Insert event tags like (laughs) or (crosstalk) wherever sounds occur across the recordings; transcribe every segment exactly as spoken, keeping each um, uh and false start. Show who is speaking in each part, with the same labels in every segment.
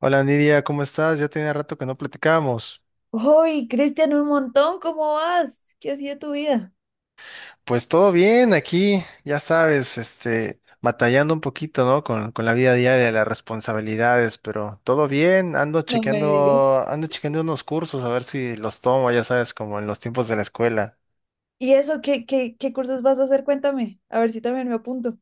Speaker 1: Hola Nidia, ¿cómo estás? Ya tenía rato que no platicábamos.
Speaker 2: ¡Hoy, Cristian, un montón! ¿Cómo vas? ¿Qué ha sido tu vida?
Speaker 1: Pues todo bien aquí, ya sabes, este, batallando un poquito, ¿no? Con, con la vida diaria, las responsabilidades, pero todo bien, ando
Speaker 2: No me digas.
Speaker 1: chequeando, ando chequeando unos cursos a ver si los tomo, ya sabes, como en los tiempos de la escuela.
Speaker 2: ¿Y eso? ¿Qué, qué, qué cursos vas a hacer? Cuéntame, a ver si también me apunto.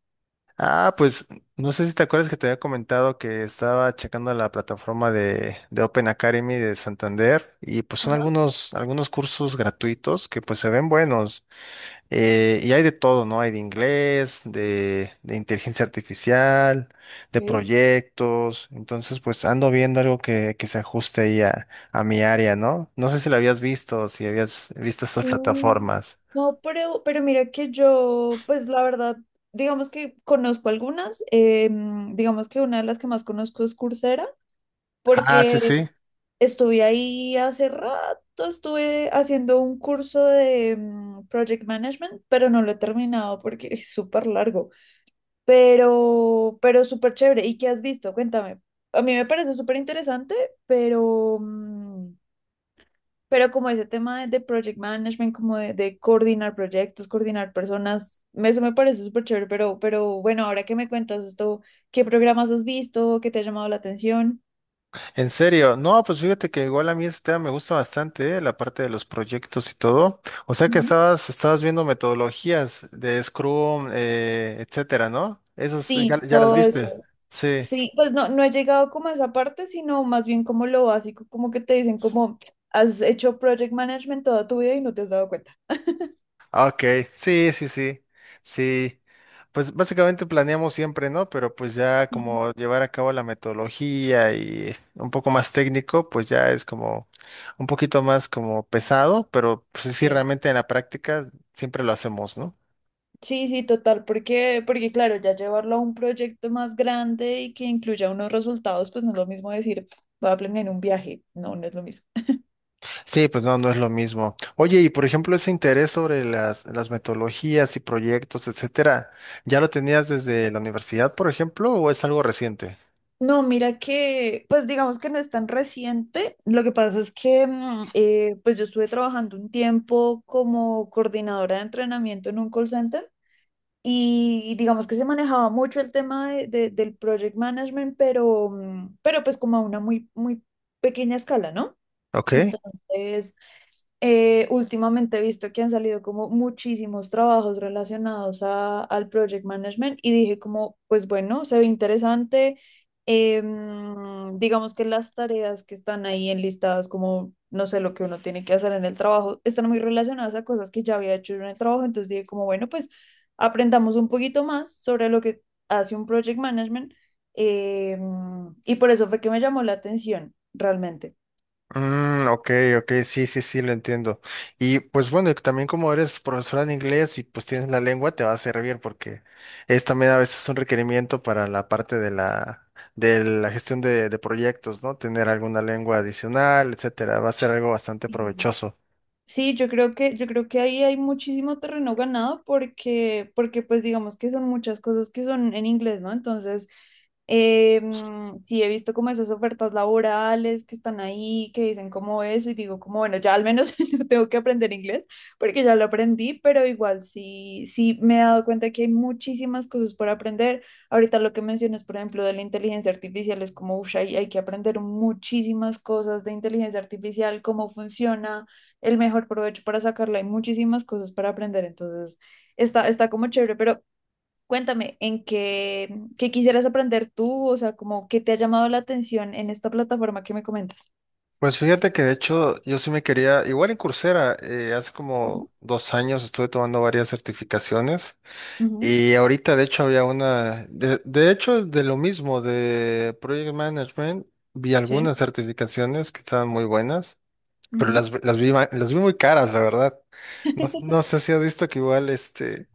Speaker 1: Ah, pues no sé si te acuerdas que te había comentado que estaba checando la plataforma de, de Open Academy de Santander y pues son
Speaker 2: Ajá,
Speaker 1: algunos, algunos cursos gratuitos que pues se ven buenos. Eh, y hay de todo, ¿no? Hay de inglés, de, de inteligencia artificial, de
Speaker 2: ok.
Speaker 1: proyectos. Entonces, pues ando viendo algo que, que se ajuste ahí a, a mi área, ¿no? No sé si lo habías visto, si habías visto estas
Speaker 2: Mm,
Speaker 1: plataformas.
Speaker 2: no, pero, pero mira que yo, pues la verdad, digamos que conozco algunas, eh, mm, digamos que una de las que más conozco es Coursera,
Speaker 1: Ah,
Speaker 2: porque
Speaker 1: sí, sí.
Speaker 2: estuve ahí hace rato, estuve haciendo un curso de mm, Project Management, pero no lo he terminado porque es súper largo. Pero, pero súper chévere. ¿Y qué has visto? Cuéntame. A mí me parece súper interesante, pero, mm, pero como ese tema de, de project management, como de, de coordinar proyectos, coordinar personas, eso me parece súper chévere, pero, pero bueno, ahora que me cuentas esto, ¿qué programas has visto? ¿Qué te ha llamado la atención?
Speaker 1: En serio. No, pues fíjate que igual a mí este tema me gusta bastante, ¿eh? La parte de los proyectos y todo. O sea que
Speaker 2: Ujú.
Speaker 1: estabas, estabas viendo metodologías de Scrum, eh, etcétera, ¿no? Esos ya,
Speaker 2: Sí,
Speaker 1: ya las
Speaker 2: todo
Speaker 1: viste.
Speaker 2: eso.
Speaker 1: Sí.
Speaker 2: Sí, pues no, no he llegado como a esa parte, sino más bien como lo básico, como que te dicen como has hecho project management toda tu vida y no te has dado cuenta. (laughs)
Speaker 1: Ok, sí, sí, sí, sí. Pues básicamente planeamos siempre, ¿no? Pero pues ya
Speaker 2: Ujú.
Speaker 1: como llevar a cabo la metodología y un poco más técnico, pues ya es como un poquito más como pesado, pero pues sí,
Speaker 2: Sí.
Speaker 1: realmente en la práctica siempre lo hacemos, ¿no?
Speaker 2: Sí, sí, total, porque, porque claro, ya llevarlo a un proyecto más grande y que incluya unos resultados, pues no es lo mismo decir, voy a planear un viaje, no, no es lo mismo.
Speaker 1: Sí, pues no, no es lo mismo. Oye, y por ejemplo, ese interés sobre las, las metodologías y proyectos, etcétera, ¿ya lo tenías desde la universidad, por ejemplo, o es algo reciente?
Speaker 2: No, mira que, pues digamos que no es tan reciente, lo que pasa es que, mm, eh, pues yo estuve trabajando un tiempo como coordinadora de entrenamiento en un call center y digamos que se manejaba mucho el tema de- de- del project management, pero, mm, pero pues como a una muy, muy pequeña escala, ¿no?
Speaker 1: Ok.
Speaker 2: Entonces, eh, últimamente he visto que han salido como muchísimos trabajos relacionados a- al project management y dije como, pues bueno, se ve interesante. Em, digamos que las tareas que están ahí enlistadas como, no sé, lo que uno tiene que hacer en el trabajo, están muy relacionadas a cosas que ya había hecho yo en el trabajo. Entonces dije como, bueno, pues aprendamos un poquito más sobre lo que hace un project management. Em, y por eso fue que me llamó la atención realmente.
Speaker 1: Mm, ok, ok, sí, sí, sí, lo entiendo. Y pues bueno, y también como eres profesora de inglés y pues tienes la lengua, te va a servir porque es también a veces un requerimiento para la parte de la, de la gestión de, de proyectos, ¿no? Tener alguna lengua adicional, etcétera, va a ser algo bastante
Speaker 2: Sí.
Speaker 1: provechoso.
Speaker 2: Sí, yo creo que, yo creo que ahí hay muchísimo terreno ganado porque, porque pues digamos que son muchas cosas que son en inglés, ¿no? Entonces, eh, mm, sí he visto como esas ofertas laborales que están ahí, que dicen como eso, y digo como, bueno, ya al menos (laughs) no tengo que aprender inglés porque ya lo aprendí, pero igual sí, sí me he dado cuenta que hay muchísimas cosas por aprender. Ahorita lo que mencionas, por ejemplo, de la inteligencia artificial es como, uff, hay, hay que aprender muchísimas cosas de inteligencia artificial, cómo funciona el mejor provecho para sacarla. Hay muchísimas cosas para aprender, entonces está, está como chévere, pero cuéntame, ¿en qué, qué quisieras aprender tú? O sea, como qué te ha llamado la atención en esta plataforma que me comentas.
Speaker 1: Pues fíjate que de hecho yo sí me quería, igual en Coursera, eh, hace
Speaker 2: Ujú,
Speaker 1: como dos años estuve tomando varias certificaciones.
Speaker 2: ujú.
Speaker 1: Y ahorita, de hecho, había una, de, de hecho, de lo mismo, de Project Management, vi
Speaker 2: Sí.
Speaker 1: algunas certificaciones que estaban muy buenas, pero
Speaker 2: Ujú.
Speaker 1: las, las vi, ma- las vi muy caras, la verdad. No, no
Speaker 2: (laughs)
Speaker 1: sé si has visto que igual, este,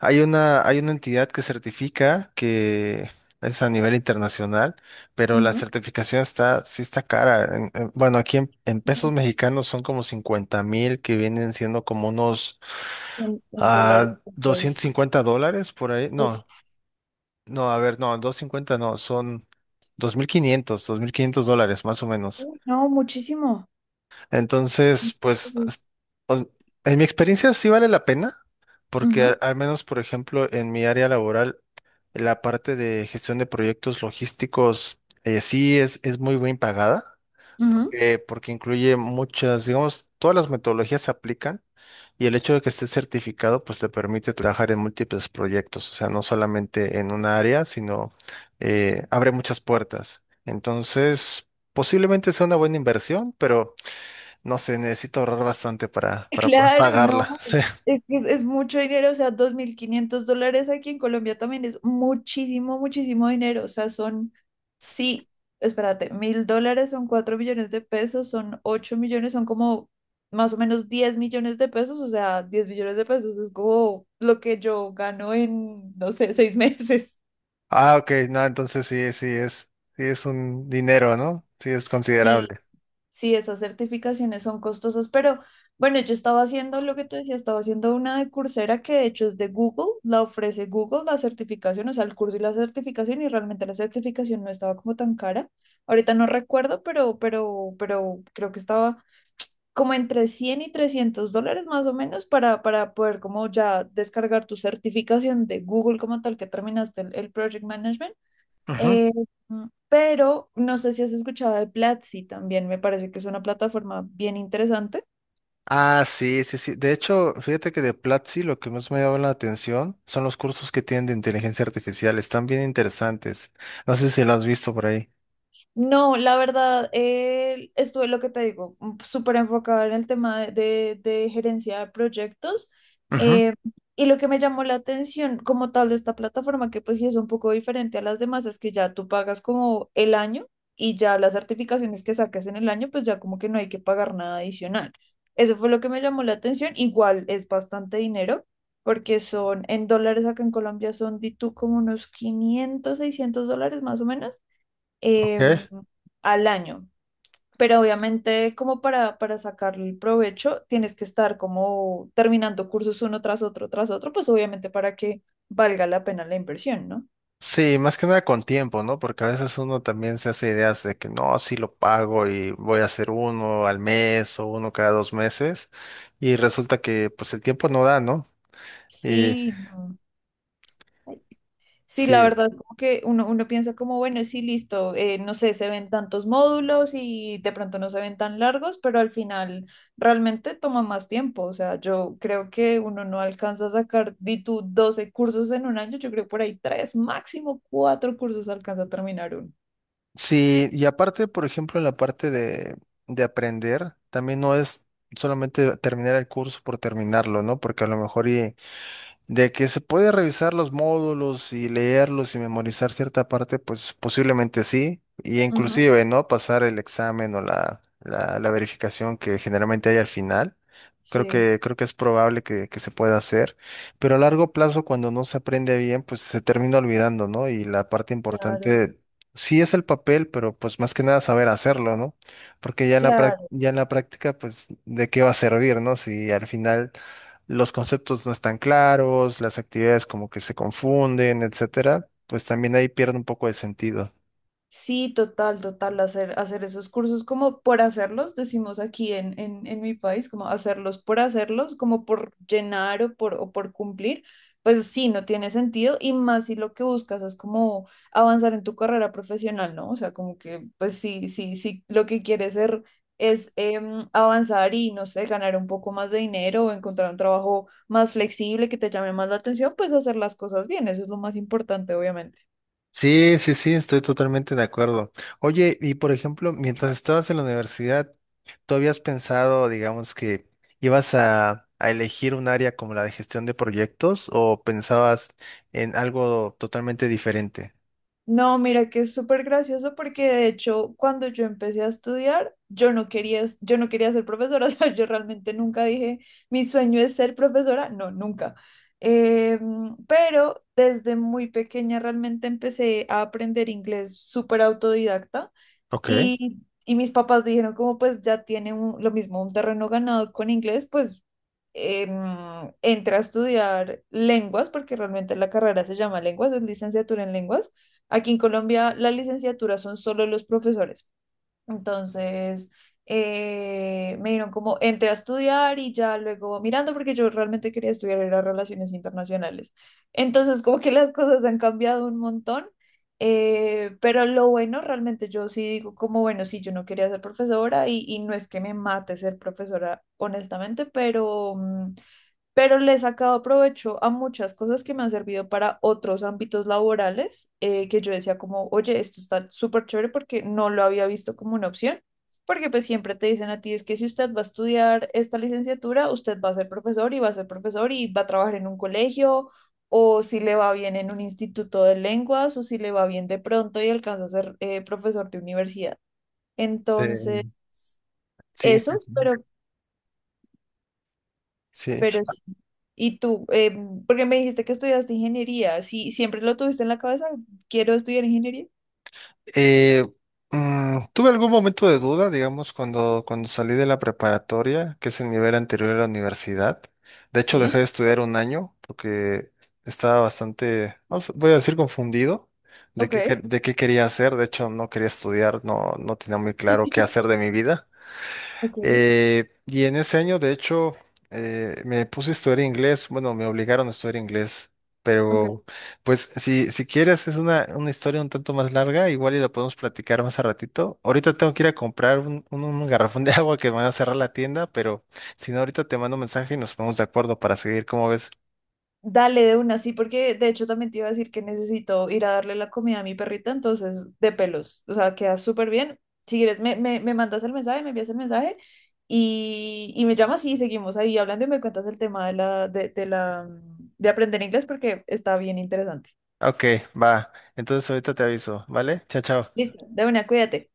Speaker 1: hay una, hay una entidad que certifica que es a nivel internacional, pero la
Speaker 2: Ujú.
Speaker 1: certificación está, sí está cara. En- en- bueno, aquí en, en
Speaker 2: Y
Speaker 1: pesos mexicanos son como cincuenta mil que vienen siendo como unos
Speaker 2: En, en dólares,
Speaker 1: ah, doscientos
Speaker 2: pues,
Speaker 1: cincuenta dólares por ahí.
Speaker 2: uf,
Speaker 1: No, no, a ver, no, doscientos cincuenta, no, son dos dos mil quinientos dos mil quinientos dólares más o menos.
Speaker 2: uy, no, muchísimo.
Speaker 1: Entonces, pues,
Speaker 2: Ujú,
Speaker 1: o- en mi experiencia sí vale la pena, porque
Speaker 2: ujú,
Speaker 1: al al menos, por ejemplo, en mi área laboral, la parte de gestión de proyectos logísticos eh, sí es, es muy bien pagada,
Speaker 2: ujú.
Speaker 1: eh, porque incluye muchas, digamos, todas las metodologías se aplican y el hecho de que estés certificado pues te permite trabajar en múltiples proyectos, o sea, no solamente en una área, sino eh, abre muchas puertas. Entonces, posiblemente sea una buena inversión, pero no sé, necesito ahorrar bastante para,
Speaker 2: (laughs)
Speaker 1: para poder
Speaker 2: Claro, no,
Speaker 1: pagarla. (laughs) Sí.
Speaker 2: es que es, es mucho dinero, o sea, dos mil quinientos dólares aquí en Colombia también es muchísimo, muchísimo dinero, o sea, son, sí, espérate, mil dólares son cuatro millones de pesos, son ocho millones, son como más o menos diez millones de pesos, o sea, diez millones de pesos es como lo que yo gano en, no sé, seis (laughs) meses.
Speaker 1: Ah, ok, no, entonces sí, sí es, sí es un dinero, ¿no? Sí es
Speaker 2: Sí.
Speaker 1: considerable.
Speaker 2: Sí, esas certificaciones son costosas, pero bueno, yo estaba haciendo lo que te decía, estaba haciendo una de Coursera que de hecho es de Google, la ofrece Google, la certificación, o sea, el curso y la certificación, y realmente la certificación no estaba como tan cara. Ahorita no recuerdo, pero, pero, pero creo que estaba como entre cien y trescientos dólares más o menos para, para, poder como ya descargar tu certificación de Google como tal que terminaste el, el Project Management.
Speaker 1: Ujú.
Speaker 2: eh, mm, pero no sé si has escuchado de Platzi también, me parece que es una plataforma bien interesante.
Speaker 1: Ah, sí, sí, sí. De hecho, fíjate que de Platzi lo que más me llama la atención son los cursos que tienen de inteligencia artificial. Están bien interesantes. No sé si lo has visto por ahí.
Speaker 2: No, la verdad, eh, estuve lo que te digo, mm, súper enfocada en el tema de, de- de gerencia de proyectos.
Speaker 1: Ujú,
Speaker 2: eh, y lo que me llamó la atención como tal de esta plataforma, que pues sí es un poco diferente a las demás, es que ya tú pagas como el año y ya las certificaciones que saques en el año, pues ya como que no hay que pagar nada adicional. Eso fue lo que me llamó la atención. Igual es bastante dinero, porque son en dólares acá en Colombia son, di tú, como unos quinientos seiscientos dólares más o menos
Speaker 1: ok.
Speaker 2: em, al año. Pero obviamente como para, para sacarle el provecho, tienes que estar como terminando cursos uno tras otro, tras otro, pues obviamente para que valga la pena la inversión, ¿no?
Speaker 1: Sí, más que nada con tiempo, ¿no? Porque a veces uno también se hace ideas de que no, sí lo pago y voy a hacer uno al mes o uno cada dos meses. Y resulta que pues el tiempo no da, ¿no? Y
Speaker 2: Sí. Mm. Sí, la
Speaker 1: sí.
Speaker 2: verdad, como que uno, uno piensa como, bueno, sí, listo, eh, no sé, se ven tantos módulos y de pronto no se ven tan largos, pero al final realmente toma más tiempo. O sea, yo creo que uno no alcanza a sacar, di tú, doce cursos en un año, yo creo por ahí tres, máximo cuatro cursos alcanza a terminar uno.
Speaker 1: Sí, y aparte, por ejemplo, en la parte de, de aprender, también no es solamente terminar el curso por terminarlo, ¿no? Porque a lo mejor y de que se puede revisar los módulos y leerlos y memorizar cierta parte, pues posiblemente sí, y
Speaker 2: Ujú.
Speaker 1: inclusive, ¿no? Pasar el examen o la, la, la verificación que generalmente hay al final. Creo
Speaker 2: Sí,
Speaker 1: que, creo que es probable que, que se pueda hacer, pero a largo plazo, cuando no se aprende bien, pues se termina olvidando, ¿no? Y la parte
Speaker 2: claro,
Speaker 1: importante sí es el papel, pero pues más que nada saber hacerlo, ¿no? Porque ya en la, práct-
Speaker 2: claro.
Speaker 1: ya en la práctica, pues, ¿de qué va a servir, ¿no? Si al final los conceptos no están claros, las actividades como que se confunden, etcétera, pues también ahí pierde un poco de sentido.
Speaker 2: Sí, total, total, hacer, hacer esos cursos como por hacerlos, decimos aquí en, en, en mi país, como hacerlos por hacerlos, como por llenar o por, o por cumplir, pues sí, no tiene sentido y más si lo que buscas es como avanzar en tu carrera profesional, ¿no? O sea, como que, pues sí, sí, sí, lo que quieres ser es em, avanzar y, no sé, ganar un poco más de dinero o encontrar un trabajo más flexible que te llame más la atención, pues hacer las cosas bien, eso es lo más importante, obviamente.
Speaker 1: Sí, sí, sí, estoy totalmente de acuerdo. Oye, y por ejemplo, mientras estabas en la universidad, ¿tú habías pensado, digamos, que ibas a, a elegir un área como la de gestión de proyectos o pensabas en algo totalmente diferente?
Speaker 2: No, mira que es súper gracioso porque de hecho cuando yo empecé a estudiar, yo no quería, es- yo no quería ser profesora, (laughs) o sea, yo realmente nunca dije, mi sueño es ser profesora, no, nunca. Eh, pero desde muy pequeña realmente empecé a aprender inglés súper autodidacta.
Speaker 1: Ok. Eh,
Speaker 2: Y, y mis papás dijeron como pues ya tiene un- lo mismo un terreno ganado con inglés, pues em, entra a estudiar lenguas, porque realmente la carrera se llama lenguas, es licenciatura en lenguas. Aquí en Colombia la licenciatura son solo los profesores. Entonces, eh, me dieron como, entré a estudiar y ya luego mirando, porque yo realmente quería estudiar era relaciones internacionales. Entonces, como que las cosas han cambiado un montón, eh, pero lo bueno, realmente yo sí digo como, bueno, sí, yo no quería ser profesora y, y no es que me mate ser profesora, honestamente, pero... mm, pero le he sacado provecho a muchas cosas que me han servido para otros ámbitos laborales, eh, que yo decía como, oye, esto está súper chévere porque no lo había visto como una opción, porque pues siempre te dicen a ti, es que si usted va a estudiar esta licenciatura, usted va a ser profesor y va a ser profesor y va a trabajar en un colegio, o si le va bien en un instituto de lenguas, o si le va bien de pronto y alcanza a ser eh, profesor de universidad. Entonces,
Speaker 1: sí, sí.
Speaker 2: eso,
Speaker 1: Sí.
Speaker 2: pero
Speaker 1: Sí.
Speaker 2: Pero sí. Y tú, eh, porque me dijiste que estudiaste ingeniería, ¿sí siempre lo tuviste en la cabeza? ¿Quiero estudiar ingeniería?
Speaker 1: Eh, mm, tuve algún momento de duda, digamos, cuando, cuando salí de la preparatoria, que es el nivel anterior a la universidad. De hecho, dejé
Speaker 2: Sí.
Speaker 1: de estudiar un año porque estaba bastante, vamos, voy a decir, confundido de qué, que-
Speaker 2: Ok.
Speaker 1: de qué quería hacer. De hecho, no quería estudiar, no, no tenía muy claro qué hacer
Speaker 2: (laughs)
Speaker 1: de mi vida.
Speaker 2: Ok,
Speaker 1: Eh, y en ese año, de hecho, eh, me puse a estudiar inglés. Bueno, me obligaron a estudiar inglés.
Speaker 2: ok.
Speaker 1: Pero, pues, si, si quieres, es una, una historia un tanto más larga. Igual y la podemos platicar más a ratito. Ahorita tengo que ir a comprar un, un- un garrafón de (laughs) agua que me van a cerrar la tienda. Pero si no, ahorita te mando un mensaje y nos ponemos de acuerdo para seguir. ¿Cómo ves?
Speaker 2: Dale de una, sí, porque de hecho también te iba a decir que necesito ir a darle la comida a mi perrita, entonces de pelos. O sea, queda súper bien. Si quieres, me, me, me mandas el mensaje, me envías el mensaje y, y me llamas y seguimos ahí hablando y me cuentas el tema de la, de, de la, de aprender inglés porque está bien interesante.
Speaker 1: Ok, va. Entonces, ahorita te aviso, ¿vale? Chao, chao.
Speaker 2: Listo, de una, cuídate.